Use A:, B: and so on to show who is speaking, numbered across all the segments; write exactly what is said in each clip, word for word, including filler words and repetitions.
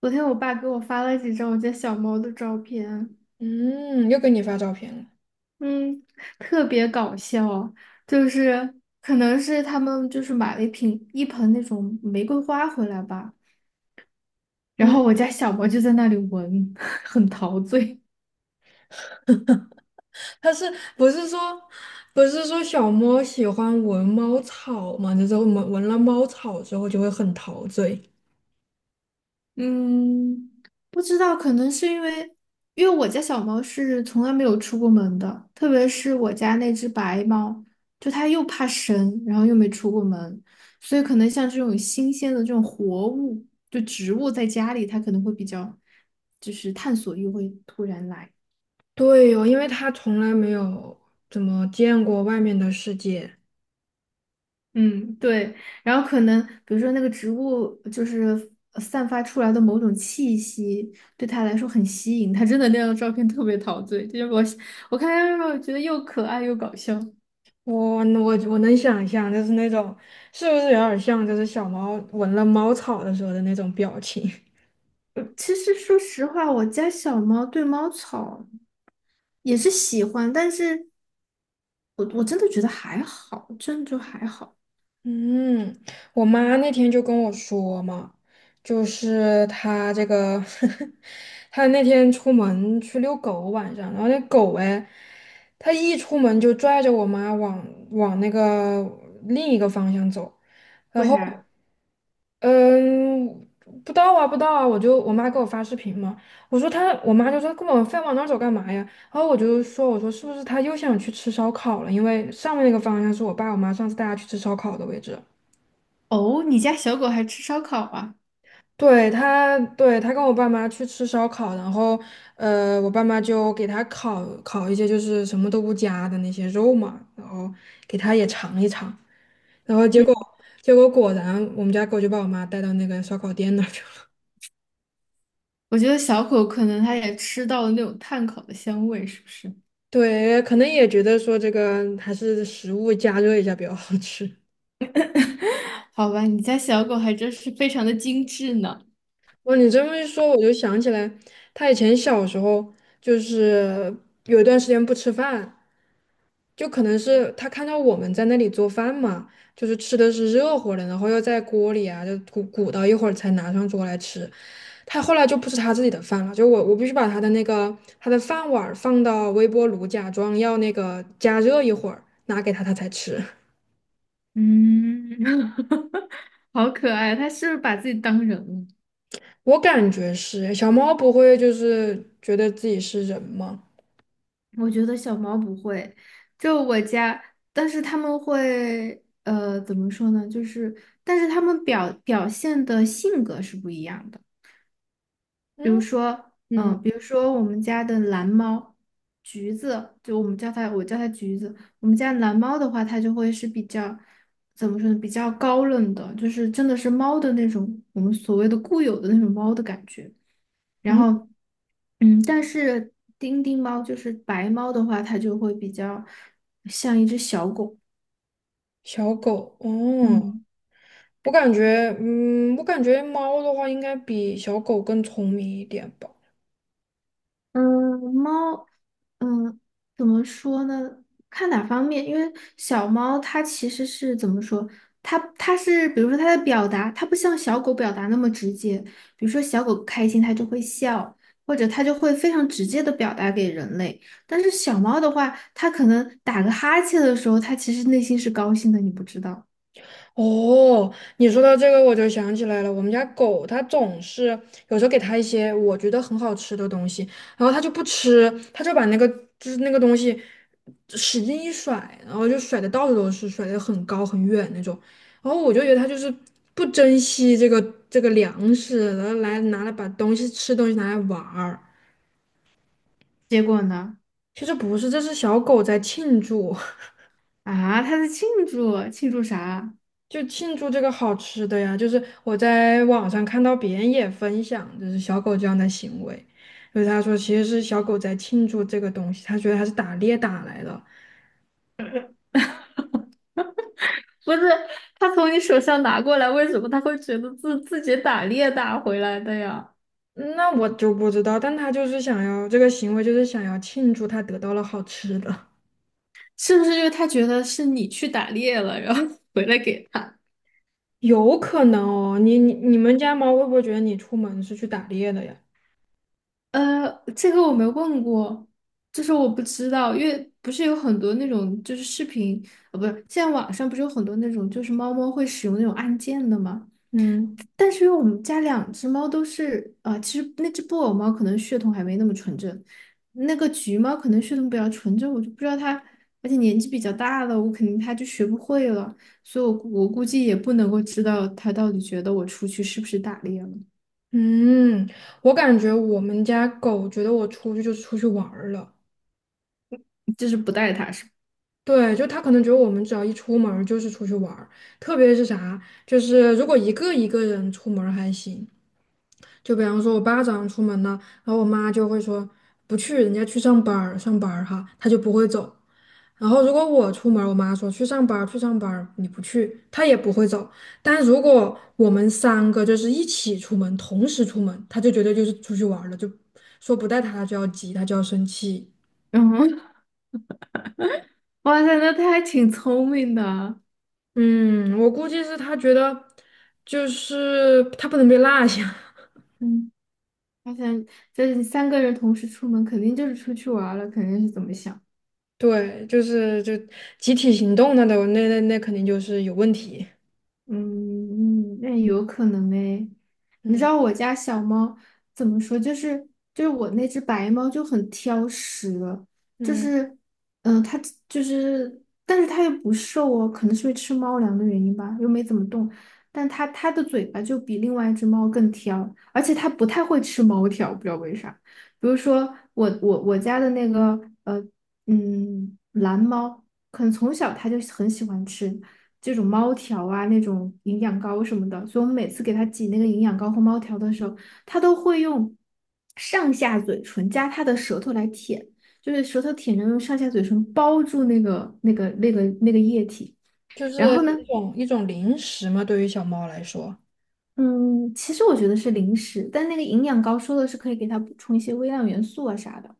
A: 昨天我爸给我发了几张我家小猫的照片。
B: 嗯，又给你发照片了。
A: 嗯，特别搞笑，就是可能是他们就是买了一瓶一盆那种玫瑰花回来吧，然
B: 嗯，
A: 后我家小猫就在那里闻，很陶醉。
B: 他是不是说不是说小猫喜欢闻猫草嘛？就是闻闻了猫草之后就会很陶醉。
A: 嗯，不知道，可能是因为，因为我家小猫是从来没有出过门的，特别是我家那只白猫，就它又怕生，然后又没出过门，所以可能像这种新鲜的这种活物，就植物在家里，它可能会比较，就是探索欲会突然来。
B: 对哦，因为它从来没有怎么见过外面的世界。
A: 嗯，对。然后可能比如说那个植物就是呃散发出来的某种气息，对他来说很吸引。他真的那张照片特别陶醉，就是我我看他让我觉得又可爱又搞笑。
B: 我能我我能想象，就是那种是不是有点像，就是小猫闻了猫草的时候的那种表情。
A: 呃其实说实话，我家小猫对猫草也是喜欢，但是我我真的觉得还好，真的就还好。
B: 嗯，我妈那天就跟我说嘛，就是她这个， 她那天出门去遛狗，晚上，然后那狗哎，它一出门就拽着我妈往往那个另一个方向走，然
A: 为
B: 后
A: 啥？
B: 嗯，不到啊，不到啊，我就我妈给我发视频嘛，我说她，我妈就说跟我非往那儿走干嘛呀？然后我就说，我说是不是她又想去吃烧烤了？因为上面那个方向是我爸我妈上次带她去吃烧烤的位置。
A: 哦，你家小狗还吃烧烤啊？
B: 对他，对他跟我爸妈去吃烧烤，然后呃，我爸妈就给他烤烤一些就是什么都不加的那些肉嘛，然后给他也尝一尝，然后结果
A: 嗯，
B: 结果果然我们家狗就把我妈带到那个烧烤店那儿去了。
A: 我觉得小狗可能它也吃到了那种炭烤的香味，是不是？
B: 对，可能也觉得说这个还是食物加热一下比较好吃。
A: 好吧，你家小狗还真是非常的精致呢。
B: 哇，你这么一说，我就想起来，他以前小时候就是有一段时间不吃饭。就可能是他看到我们在那里做饭嘛，就是吃的是热乎的，然后又在锅里啊，就鼓鼓捣一会儿才拿上桌来吃。他后来就不是他自己的饭了，就我我必须把他的那个他的饭碗儿放到微波炉，假装要那个加热一会儿，拿给他他才吃。
A: 嗯，好可爱，它是不是把自己当人了？
B: 我感觉是小猫不会就是觉得自己是人吗？
A: 我觉得小猫不会，就我家。但是它们会，呃，怎么说呢？就是，但是它们表表现的性格是不一样的。比如
B: 嗯
A: 说，
B: 嗯
A: 嗯，比如说我们家的蓝猫，橘子，就我们叫它，我叫它橘子。我们家蓝猫的话，它就会是比较，怎么说呢，比较高冷的，就是真的是猫的那种，我们所谓的固有的那种猫的感觉。然
B: 嗯，
A: 后，嗯，但是丁丁猫就是白猫的话，它就会比较像一只小狗。
B: 小狗哦。
A: 嗯。
B: 我感觉，嗯，我感觉猫的话应该比小狗更聪明一点吧。
A: 嗯，猫，嗯，怎么说呢？看哪方面，因为小猫它其实是怎么说？它它是，比如说它的表达，它不像小狗表达那么直接。比如说小狗开心，它就会笑，或者它就会非常直接的表达给人类。但是小猫的话，它可能打个哈欠的时候，它其实内心是高兴的，你不知道。
B: 哦，你说到这个，我就想起来了。我们家狗它总是有时候给它一些我觉得很好吃的东西，然后它就不吃，它就把那个就是那个东西使劲一甩，然后就甩的到处都是，甩的很高很远那种。然后我就觉得它就是不珍惜这个这个粮食，然后来拿来把东西吃东西拿来玩儿。
A: 结果呢？
B: 其实不是，这是小狗在庆祝。
A: 啊，它在庆祝，庆祝啥？
B: 就庆祝这个好吃的呀，就是我在网上看到别人也分享，就是小狗这样的行为，就是他说其实是小狗在庆祝这个东西，他觉得他是打猎打来的，
A: 不是，他从你手上拿过来，为什么他会觉得自自己打猎打回来的呀？
B: 嗯那我就不知道，但他就是想要这个行为，就是想要庆祝他得到了好吃的，
A: 是不是因为他觉得是你去打猎了，然后 回来给他？
B: 有可能哦，你你你们家猫会不会觉得你出门是去打猎的呀？
A: 呃，这个我没问过，就是我不知道，因为不是有很多那种就是视频。呃，不是，现在网上不是有很多那种就是猫猫会使用那种按键的吗？
B: 嗯，
A: 但是因为我们家两只猫都是，啊，其实那只布偶猫可能血统还没那么纯正，那个橘猫可能血统比较纯正，我就不知道它，而且年纪比较大了，我肯定它就学不会了。所以我估我估计也不能够知道它到底觉得我出去是不是打猎了，
B: 嗯，我感觉我们家狗觉得我出去就是出去玩儿了。
A: 就是不带它是吧。
B: 对，就他可能觉得我们只要一出门儿就是出去玩儿，特别是啥，就是如果一个一个人出门儿还行，就比方说我爸早上出门了，然后我妈就会说不去，人家去上班儿，上班儿哈，他就不会走。然后如果我出门儿我妈说去上班儿，去上班儿，你不去，他也不会走。但如果我们三个就是一起出门，同时出门，他就觉得就是出去玩儿了，就说不带他，他就要急，他就要生气。
A: 嗯，哇塞，那它还挺聪明的。
B: 嗯，我估计是他觉得，就是他不能被落下。
A: 嗯，而且就是你三个人同时出门，肯定就是出去玩儿了，肯定是怎么想。
B: 对，就是就集体行动那都那那那肯定就是有问题。
A: 嗯，那有可能哎。你知
B: 嗯，
A: 道我家小猫怎么说？就是就是我那只白猫就很挑食。就
B: 嗯，
A: 是嗯，它就是，但是它又不瘦哦，可能是因为吃猫粮的原因吧，又没怎么动。但它它的嘴巴就比另外一只猫更挑，而且它不太会吃猫条，不知道为啥。比如说我我我家的那个呃嗯蓝猫，可能从小它就很喜欢吃。这种猫条啊，那种营养膏什么的，所以我们每次给它挤那个营养膏或猫条的时候，它都会用上下嘴唇加它的舌头来舔，就是舌头舔着用上下嘴唇包住那个那个那个那个液体。
B: 就
A: 然
B: 是
A: 后呢，
B: 一种一种零食嘛，对于小猫来说。
A: 嗯，其实我觉得是零食，但那个营养膏说的是可以给它补充一些微量元素啊啥的。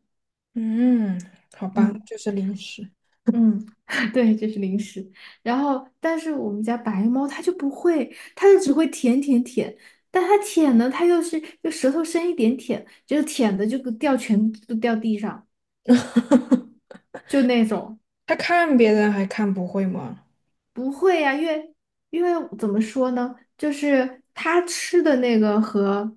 B: 嗯，好吧，
A: 嗯。
B: 就是零食。
A: 嗯，对，这是零食。然后，但是我们家白猫它就不会，它就只会舔舔舔。但它舔呢，它又是就舌头伸一点舔，就是舔的就掉全都掉地上，就那种
B: 他看别人还看不会吗？
A: 不会呀，因为因为怎么说呢，就是它吃的那个和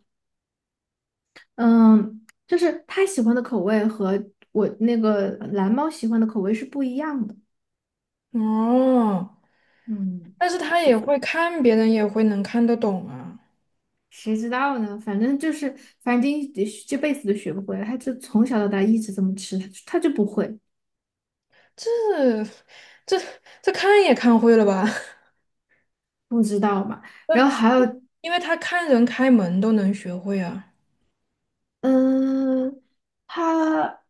A: 嗯，就是它喜欢的口味和我那个蓝猫喜欢的口味是不一样的。
B: 哦，
A: 嗯。
B: 但是他也会看别人，也会能看得懂啊。
A: 谁知道呢？反正就是，反正这这辈子都学不会了。他就从小到大一直这么吃，他就他就不会，
B: 这这这看也看会了吧？
A: 不知道嘛。然
B: 呃
A: 后还有，
B: 因为他看人开门都能学会啊。
A: 嗯，他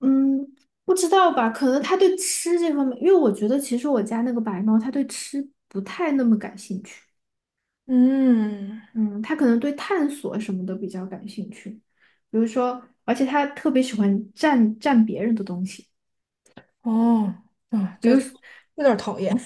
A: 嗯不知道吧？可能他对吃这方面，因为我觉得其实我家那个白猫，它对吃不太那么感兴趣。
B: 嗯，
A: 嗯，它可能对探索什么的比较感兴趣，比如说，而且它特别喜欢占占别人的东西。
B: 哦，啊，
A: 比
B: 这
A: 如
B: 有点儿讨厌。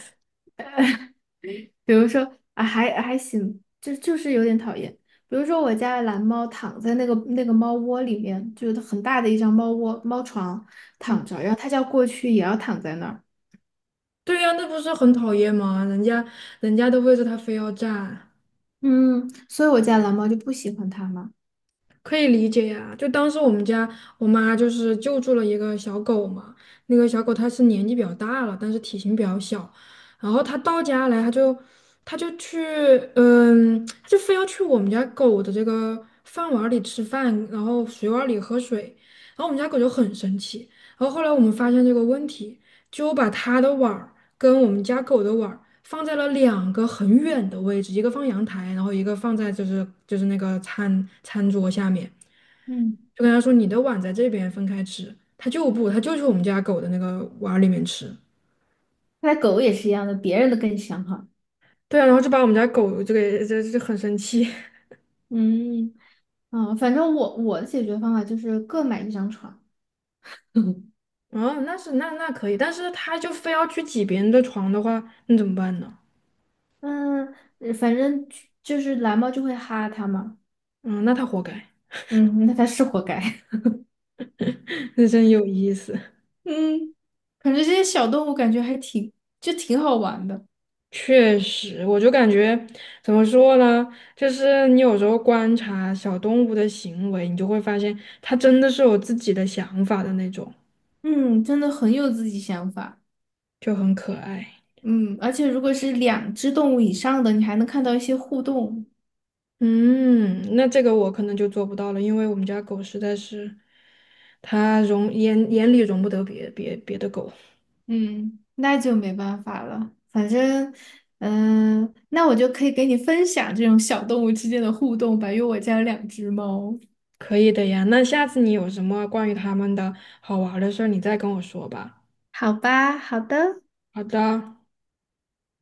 A: 比如说啊，还还行，就就是有点讨厌。比如说我家的蓝猫躺在那个那个猫窝里面，就是很大的一张猫窝猫床躺
B: 嗯，
A: 着，然后它叫过去也要躺在那儿。
B: 对呀，那不是很讨厌吗？人家人家的位置他非要占。
A: 嗯，所以我家蓝猫就不喜欢它嘛。
B: 可以理解呀，就当时我们家我妈就是救助了一个小狗嘛，那个小狗它是年纪比较大了，但是体型比较小，然后它到家来，它就它就去，嗯，它就非要去我们家狗的这个饭碗儿里吃饭，然后水碗儿里喝水，然后我们家狗就很生气，然后后来我们发现这个问题，就把它的碗儿跟我们家狗的碗儿放在了两个很远的位置，一个放阳台，然后一个放在就是就是那个餐餐桌下面。
A: 嗯，
B: 就跟他说你的碗在这边分开吃，他就不，他就去我们家狗的那个碗里面吃。
A: 看来狗也是一样的，别人的更香哈。
B: 对啊，然后就把我们家狗这个这这很生气。
A: 嗯啊，反正我我的解决方法就是各买一张床。
B: 哦，那是那那可以，但是他就非要去挤别人的床的话，那怎么办呢？
A: 嗯，呃反正就就是蓝猫就会哈它嘛。
B: 嗯，那他活该，
A: 嗯，那它是活该。
B: 那真有意思。
A: 嗯，感觉这些小动物感觉还挺，就挺好玩的。
B: 确实，我就感觉怎么说呢？就是你有时候观察小动物的行为，你就会发现它真的是有自己的想法的那种，
A: 嗯，真的很有自己想法。
B: 就很可爱。
A: 嗯，而且如果是两只动物以上的，你还能看到一些互动。
B: 嗯，那这个我可能就做不到了，因为我们家狗实在是，它容眼眼里容不得别别别的狗。
A: 嗯，那就没办法了。反正，嗯，那我就可以给你分享这种小动物之间的互动吧，因为我家有两只猫。
B: 可以的呀，那下次你有什么关于它们的好玩儿的事儿，你再跟我说吧。
A: 好吧，好的。
B: 好的。